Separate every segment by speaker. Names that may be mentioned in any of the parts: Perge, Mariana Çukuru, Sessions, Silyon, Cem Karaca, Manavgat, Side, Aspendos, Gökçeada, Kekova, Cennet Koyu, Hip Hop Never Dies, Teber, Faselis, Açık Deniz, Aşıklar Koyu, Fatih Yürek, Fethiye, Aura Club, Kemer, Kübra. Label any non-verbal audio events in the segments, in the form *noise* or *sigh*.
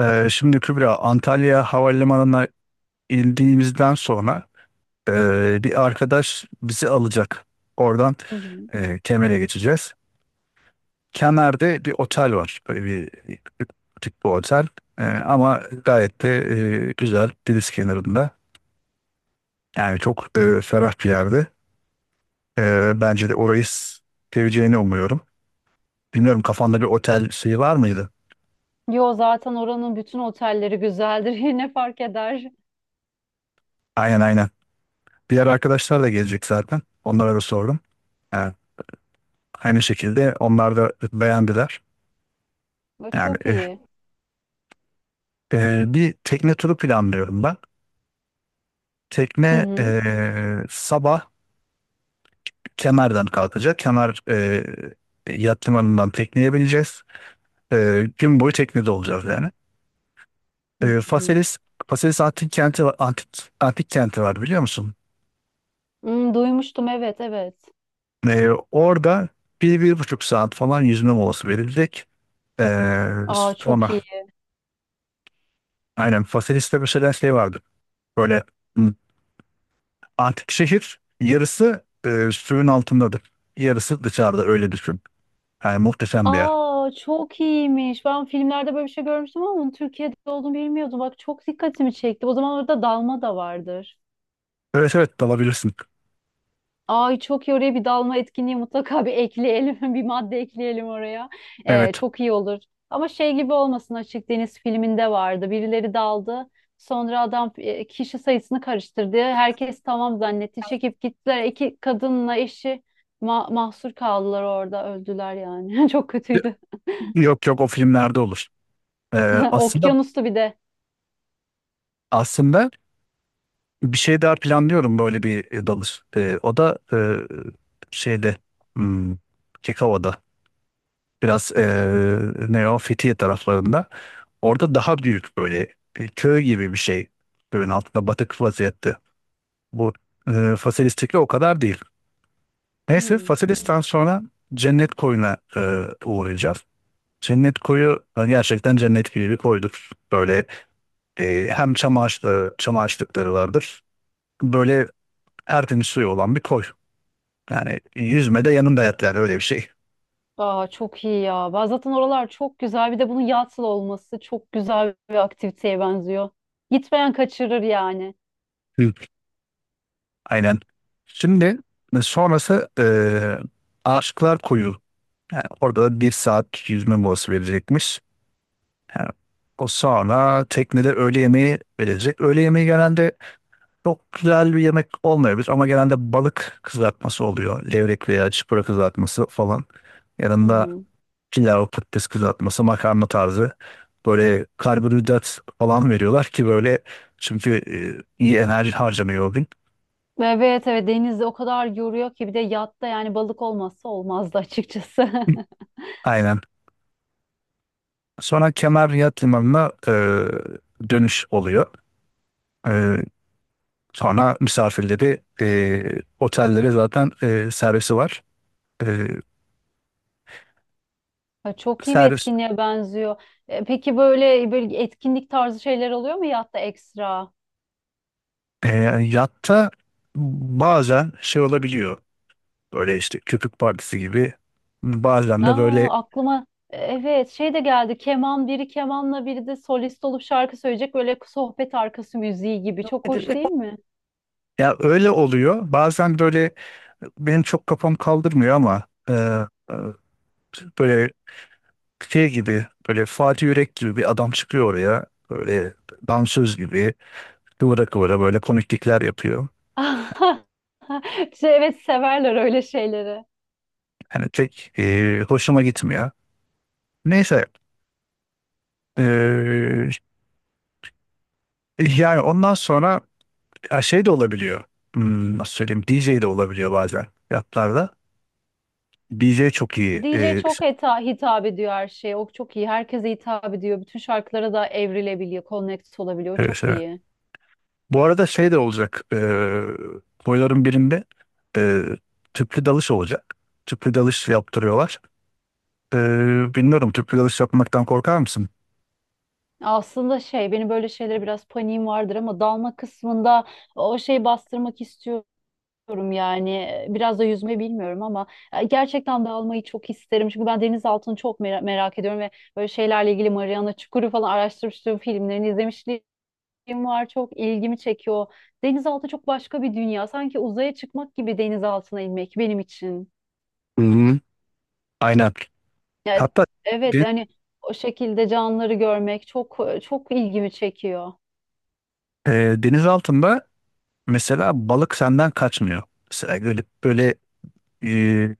Speaker 1: Şimdi Kübra, Antalya Havalimanı'na indiğimizden sonra bir arkadaş bizi alacak. Oradan
Speaker 2: Hı hı.
Speaker 1: Kemer'e geçeceğiz. Kemer'de bir otel var. Böyle bir butik bir otel. Ama gayet de güzel. Deniz kenarında. Yani çok ferah bir yerde. Bence de orayı seveceğini umuyorum. Bilmiyorum kafanda bir otel şeyi var mıydı?
Speaker 2: Yo zaten oranın bütün otelleri güzeldir. *laughs* Yine fark eder?
Speaker 1: Aynen aynen. Diğer arkadaşlar da gelecek zaten. Onlara da sordum. Ee, Aynı şekilde onlar da beğendiler.
Speaker 2: Ve
Speaker 1: Yani
Speaker 2: çok iyi.
Speaker 1: bir tekne turu planlıyorum ben.
Speaker 2: Hı
Speaker 1: Tekne
Speaker 2: hı.
Speaker 1: sabah Kemer'den kalkacak. Kemer yat limanından tekneye bineceğiz. Gün boyu teknede olacağız yani.
Speaker 2: Hı hı.
Speaker 1: Faselis, Faselis antik kenti var, antik kenti var biliyor musun?
Speaker 2: Hmm, duymuştum evet evet.
Speaker 1: Orada bir, bir buçuk saat falan yüzme molası verilecek.
Speaker 2: Aa çok
Speaker 1: Sonra
Speaker 2: iyi.
Speaker 1: aynen Faselis'te mesela şey vardı. Böyle hmm, antik şehir yarısı suyun altındadır. Yarısı dışarıda öyle düşün. Yani muhteşem bir yer.
Speaker 2: Aa çok iyiymiş. Ben filmlerde böyle bir şey görmüştüm ama onun Türkiye'de olduğunu bilmiyordum. Bak çok dikkatimi çekti. O zaman orada dalma da vardır.
Speaker 1: Evet evet dalabilirsin.
Speaker 2: Ay çok iyi oraya bir dalma etkinliği mutlaka bir ekleyelim. *laughs* Bir madde ekleyelim oraya.
Speaker 1: Evet.
Speaker 2: Çok iyi olur. Ama şey gibi olmasın, Açık Deniz filminde vardı. Birileri daldı. Sonra adam kişi sayısını karıştırdı. Herkes tamam zannetti. Çekip gittiler. İki kadınla eşi mahsur kaldılar orada. Öldüler yani. *laughs* Çok kötüydü.
Speaker 1: Yok yok o filmlerde olur. E,
Speaker 2: *laughs*
Speaker 1: aslında
Speaker 2: Okyanustu bir de.
Speaker 1: aslında bir şey daha planlıyorum böyle bir dalış. O da şeyde hmm, Kekova'da biraz ne o Fethiye taraflarında. Orada daha büyük böyle köy gibi bir şey. Suyun altında batık vaziyette. Bu Faselistik'le o kadar değil. Neyse
Speaker 2: Hmm.
Speaker 1: Faselis'ten sonra Cennet Koyu'na uğrayacağız. Cennet Koyu gerçekten cennet gibi bir koydur. Böyle hem çam ağaçları, çam ağaçlıkları vardır. Böyle tertemiz suyu olan bir koy. Yani yüzme de yanında yat yani öyle bir şey.
Speaker 2: Aa, çok iyi ya. Ben zaten oralar çok güzel. Bir de bunun yatsıl olması çok güzel bir aktiviteye benziyor. Gitmeyen kaçırır yani.
Speaker 1: Hı. Aynen. Şimdi sonrası Aşıklar Koyu. Yani orada da bir saat yüzme molası verecekmiş. Yani o sonra teknede öğle yemeği verecek. Öğle yemeği genelde çok güzel bir yemek olmayabilir ama genelde balık kızartması oluyor. Levrek veya çıpra kızartması falan.
Speaker 2: Hı
Speaker 1: Yanında
Speaker 2: hı.
Speaker 1: pilav, patates kızartması, makarna tarzı. Böyle karbonhidrat falan veriyorlar ki böyle çünkü iyi enerji harcanıyor o gün.
Speaker 2: Evet evet, denizde o kadar yoruyor ki bir de yatta, yani balık olmazsa olmazdı açıkçası. *laughs*
Speaker 1: *clears throat* Aynen. Sonra Kemer Yat Limanı'na dönüş oluyor. E, Sonra misafirleri otellere zaten servisi var. E,
Speaker 2: Ha, çok iyi bir
Speaker 1: servis
Speaker 2: etkinliğe benziyor. Peki böyle böyle etkinlik tarzı şeyler oluyor mu yatta ekstra?
Speaker 1: E, Yatta bazen şey olabiliyor. Böyle işte köpük partisi gibi. Bazen de böyle
Speaker 2: Aa aklıma evet şey de geldi. Keman, biri kemanla biri de solist olup şarkı söyleyecek, böyle sohbet arkası müziği gibi. Çok hoş değil mi?
Speaker 1: ya öyle oluyor. Bazen böyle benim çok kafam kaldırmıyor ama e, böyle şey gibi böyle Fatih Yürek gibi bir adam çıkıyor oraya. Böyle dansöz gibi kıvıra kıvıra böyle komiklikler yapıyor.
Speaker 2: *laughs* Şey, evet severler öyle şeyleri.
Speaker 1: Yani pek hoşuma gitmiyor. Neyse e, yani ondan sonra ya şey de olabiliyor. Hmm, nasıl söyleyeyim? DJ de olabiliyor bazen fiyatlarda. DJ çok iyi.
Speaker 2: DJ çok hitap ediyor her şeye. O çok iyi. Herkese hitap ediyor. Bütün şarkılara da evrilebiliyor, connect olabiliyor.
Speaker 1: Evet,
Speaker 2: Çok
Speaker 1: evet.
Speaker 2: iyi.
Speaker 1: Bu arada şey de olacak. Boyların birinde ee, tüplü dalış olacak. Tüplü dalış yaptırıyorlar. Bilmiyorum tüplü dalış yapmaktan korkar mısın?
Speaker 2: Aslında şey, benim böyle şeylere biraz paniğim vardır ama dalma kısmında o şeyi bastırmak istiyorum yani. Biraz da yüzme bilmiyorum ama gerçekten dalmayı çok isterim. Çünkü ben deniz altını çok merak ediyorum ve böyle şeylerle ilgili Mariana Çukuru falan araştırmıştım, filmlerini izlemiştim, film var, çok ilgimi çekiyor. Denizaltı çok başka bir dünya. Sanki uzaya çıkmak gibi denizaltına inmek benim için.
Speaker 1: Hı-hı. Aynen.
Speaker 2: Yani,
Speaker 1: Hatta
Speaker 2: evet
Speaker 1: de-
Speaker 2: yani o şekilde canlıları görmek çok çok ilgimi çekiyor.
Speaker 1: deniz altında mesela balık senden kaçmıyor. Mesela böyle e,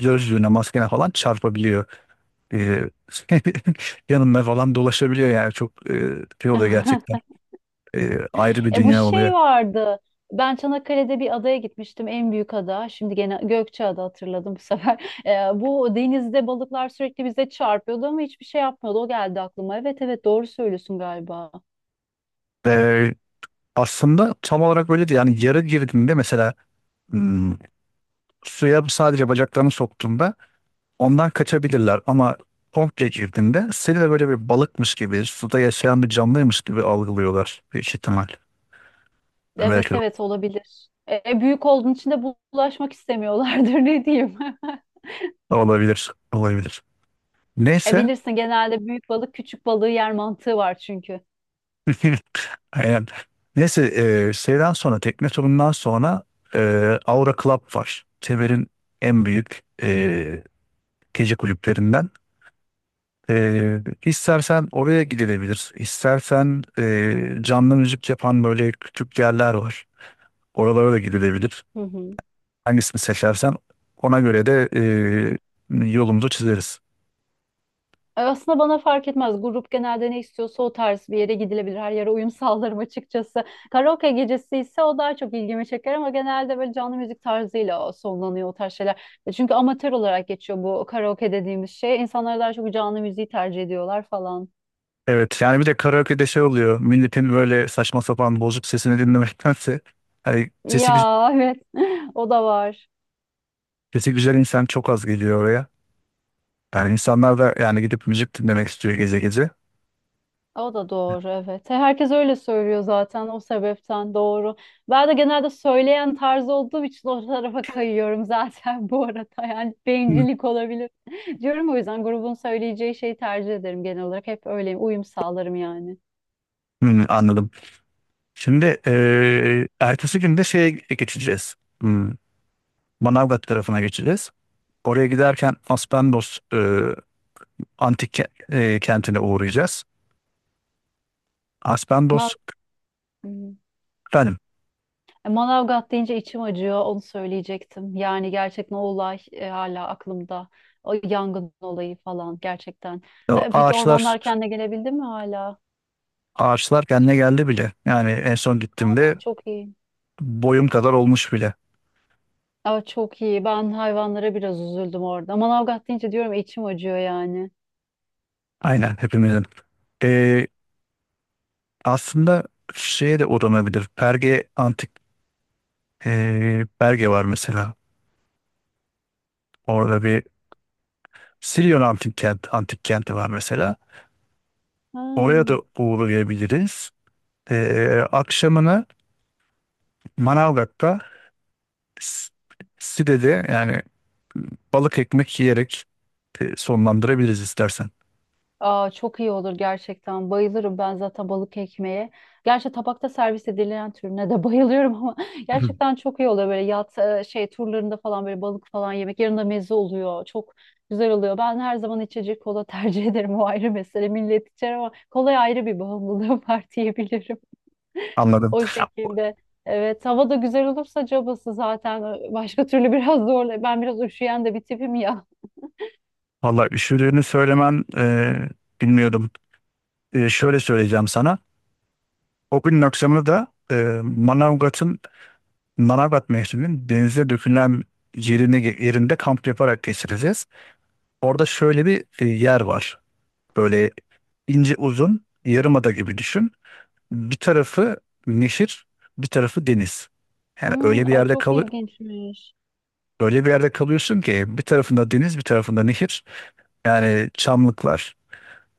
Speaker 1: gözlüğüne, maskene falan çarpabiliyor. E, *laughs* yanına falan dolaşabiliyor yani çok şey oluyor gerçekten.
Speaker 2: *laughs*
Speaker 1: Ayrı bir
Speaker 2: E bu
Speaker 1: dünya oluyor.
Speaker 2: şey vardı. Ben Çanakkale'de bir adaya gitmiştim. En büyük ada. Şimdi gene Gökçeada, hatırladım bu sefer. *laughs* Bu denizde balıklar sürekli bize çarpıyordu ama hiçbir şey yapmıyordu. O geldi aklıma. Evet evet, doğru söylüyorsun galiba.
Speaker 1: Ve aslında tam olarak öyle değil. Yani yara girdiğinde mesela hmm, suya sadece bacaklarını soktuğunda ondan kaçabilirler ama komple girdiğinde seni de böyle bir balıkmış gibi, suda yaşayan bir canlıymış gibi algılıyorlar büyük ihtimal. Belki
Speaker 2: Evet
Speaker 1: de
Speaker 2: evet olabilir. Büyük olduğun için de bulaşmak istemiyorlardır, *laughs* ne diyeyim. *laughs*
Speaker 1: olabilir, olabilir. Neyse
Speaker 2: Bilirsin, genelde büyük balık küçük balığı yer mantığı var çünkü.
Speaker 1: *laughs* aynen. Neyse e, şeyden sonra tekne turundan sonra e, Aura Club var. Teber'in en büyük gece kulüplerinden. E, istersen oraya gidilebilir. İstersen canlı müzik yapan böyle küçük yerler var. Oralara da gidilebilir.
Speaker 2: Hı hı.
Speaker 1: Hangisini seçersen ona göre de yolumuzu çizeriz.
Speaker 2: Aslında bana fark etmez. Grup genelde ne istiyorsa o tarz bir yere gidilebilir. Her yere uyum *laughs* sağlarım açıkçası. Karaoke gecesi ise o daha çok ilgimi çeker ama genelde böyle canlı müzik tarzıyla o sonlanıyor, o tarz şeyler. Çünkü amatör olarak geçiyor bu karaoke dediğimiz şey. İnsanlar daha çok canlı müziği tercih ediyorlar falan.
Speaker 1: Evet yani bir de karaoke'de şey oluyor. Milletin böyle saçma sapan bozuk sesini dinlemektense hani sesi, gü-
Speaker 2: Ya evet, *laughs* o da var.
Speaker 1: sesi güzel insan çok az geliyor oraya. Yani insanlar da yani gidip müzik dinlemek istiyor gece gece.
Speaker 2: O da doğru, evet. Herkes öyle söylüyor zaten, o sebepten doğru. Ben de genelde söyleyen tarzı olduğum için o tarafa kayıyorum zaten *laughs* bu arada. Yani
Speaker 1: Hı.
Speaker 2: bencillik olabilir. *laughs* Diyorum o yüzden grubun söyleyeceği şeyi tercih ederim genel olarak. Hep öyleyim. Uyum sağlarım yani.
Speaker 1: Hmm, anladım. Şimdi ertesi gün de şeye geçeceğiz. Hmm, Manavgat tarafına geçeceğiz. Oraya giderken Aspendos kentine uğrayacağız.
Speaker 2: Man
Speaker 1: Aspendos
Speaker 2: Hmm.
Speaker 1: efendim
Speaker 2: Manavgat deyince içim acıyor. Onu söyleyecektim. Yani gerçekten o olay hala aklımda. O yangın olayı falan, gerçekten.
Speaker 1: o
Speaker 2: Peki
Speaker 1: ağaçlar
Speaker 2: ormanlar kendine gelebildin mi hala?
Speaker 1: ağaçlar kendine geldi bile. Yani en son gittiğimde
Speaker 2: Çok iyi.
Speaker 1: boyum kadar olmuş bile.
Speaker 2: Aa, çok iyi. Ben hayvanlara biraz üzüldüm orada. Manavgat deyince diyorum içim acıyor yani.
Speaker 1: Aynen hepimizin. Aslında şeye de uğranabilir. Perge var mesela. Orada bir antik kenti var mesela.
Speaker 2: Ha.
Speaker 1: Oraya da uğrayabiliriz. Akşamını Manavgat'ta S- Side'de yani balık ekmek yiyerek sonlandırabiliriz istersen.
Speaker 2: Aa, çok iyi olur gerçekten. Bayılırım ben zaten balık ekmeğe. Gerçi tabakta servis edilen türüne de *laughs* bayılıyorum ama
Speaker 1: *clears throat* Hı.
Speaker 2: gerçekten çok iyi oluyor böyle yat şey turlarında falan böyle balık falan yemek. Yanında meze oluyor. Çok güzel oluyor. Ben her zaman içecek kola tercih *laughs* ederim. O ayrı mesele. Millet içer ama kolaya ayrı bir bağımlılığım *laughs* var diyebilirim. *laughs*
Speaker 1: Anladım.
Speaker 2: O şekilde. Evet, hava da güzel olursa cabası zaten, başka türlü biraz zorla. Ben biraz üşüyen de bir tipim ya.
Speaker 1: Vallahi üşüdüğünü söylemen bilmiyordum. Şöyle söyleyeceğim sana. O günün akşamını da Manavgat'ın Manavgat mevsiminin denize dökülen yerine, yerinde kamp yaparak geçireceğiz. Orada şöyle bir yer var. Böyle ince uzun yarımada gibi düşün. Bir tarafı nehir, bir tarafı deniz. Yani
Speaker 2: Hmm,
Speaker 1: öyle bir
Speaker 2: ay
Speaker 1: yerde
Speaker 2: çok
Speaker 1: kalı
Speaker 2: ilginçmiş.
Speaker 1: Öyle bir yerde kalıyorsun ki bir tarafında deniz, bir tarafında nehir. Yani çamlıklar.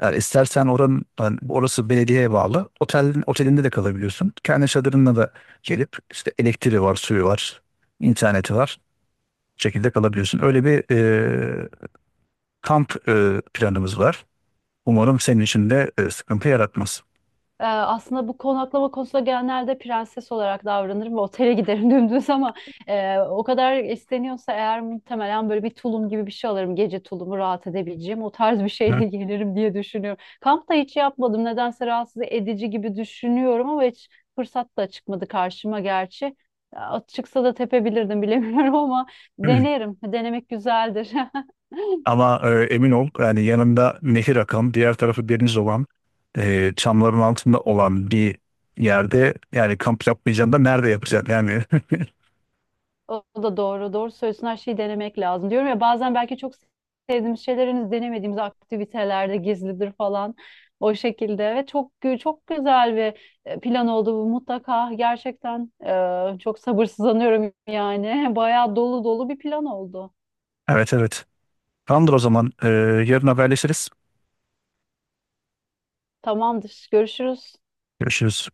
Speaker 1: Yani istersen oranın yani orası belediyeye bağlı. Otelinde de kalabiliyorsun. Kendi çadırınla da gelip işte elektriği var, suyu var, interneti var. Şekilde kalabiliyorsun. Öyle bir kamp planımız var. Umarım senin için de sıkıntı yaratmaz.
Speaker 2: Aslında bu konaklama konusunda genelde prenses olarak davranırım ve otele giderim *laughs* dümdüz, ama o kadar isteniyorsa eğer muhtemelen böyle bir tulum gibi bir şey alırım. Gece tulumu, rahat edebileceğim o tarz bir
Speaker 1: Hı.
Speaker 2: şeyle *laughs* gelirim diye düşünüyorum. Kampta hiç yapmadım. Nedense rahatsız edici gibi düşünüyorum ama hiç fırsat da çıkmadı karşıma gerçi. Ya, çıksa da tepebilirdim bilemiyorum *laughs* ama denerim. Denemek güzeldir. *laughs*
Speaker 1: Ama emin ol yani yanında nehir akan, diğer tarafı deniz olan, çamların altında olan bir yerde yani kamp yapmayacaksın da nerede yapacaksın yani. *laughs*
Speaker 2: O da doğru. Doğru söylüyorsun. Her şeyi denemek lazım. Diyorum ya, bazen belki çok sevdiğimiz şeyler denemediğimiz aktivitelerde gizlidir falan. O şekilde, ve çok güzel bir plan oldu bu mutlaka. Gerçekten çok sabırsızlanıyorum yani. *laughs* Bayağı dolu dolu bir plan oldu.
Speaker 1: Evet evet. Tamamdır o zaman. Yarın haberleşiriz.
Speaker 2: Tamamdır. Görüşürüz.
Speaker 1: Görüşürüz.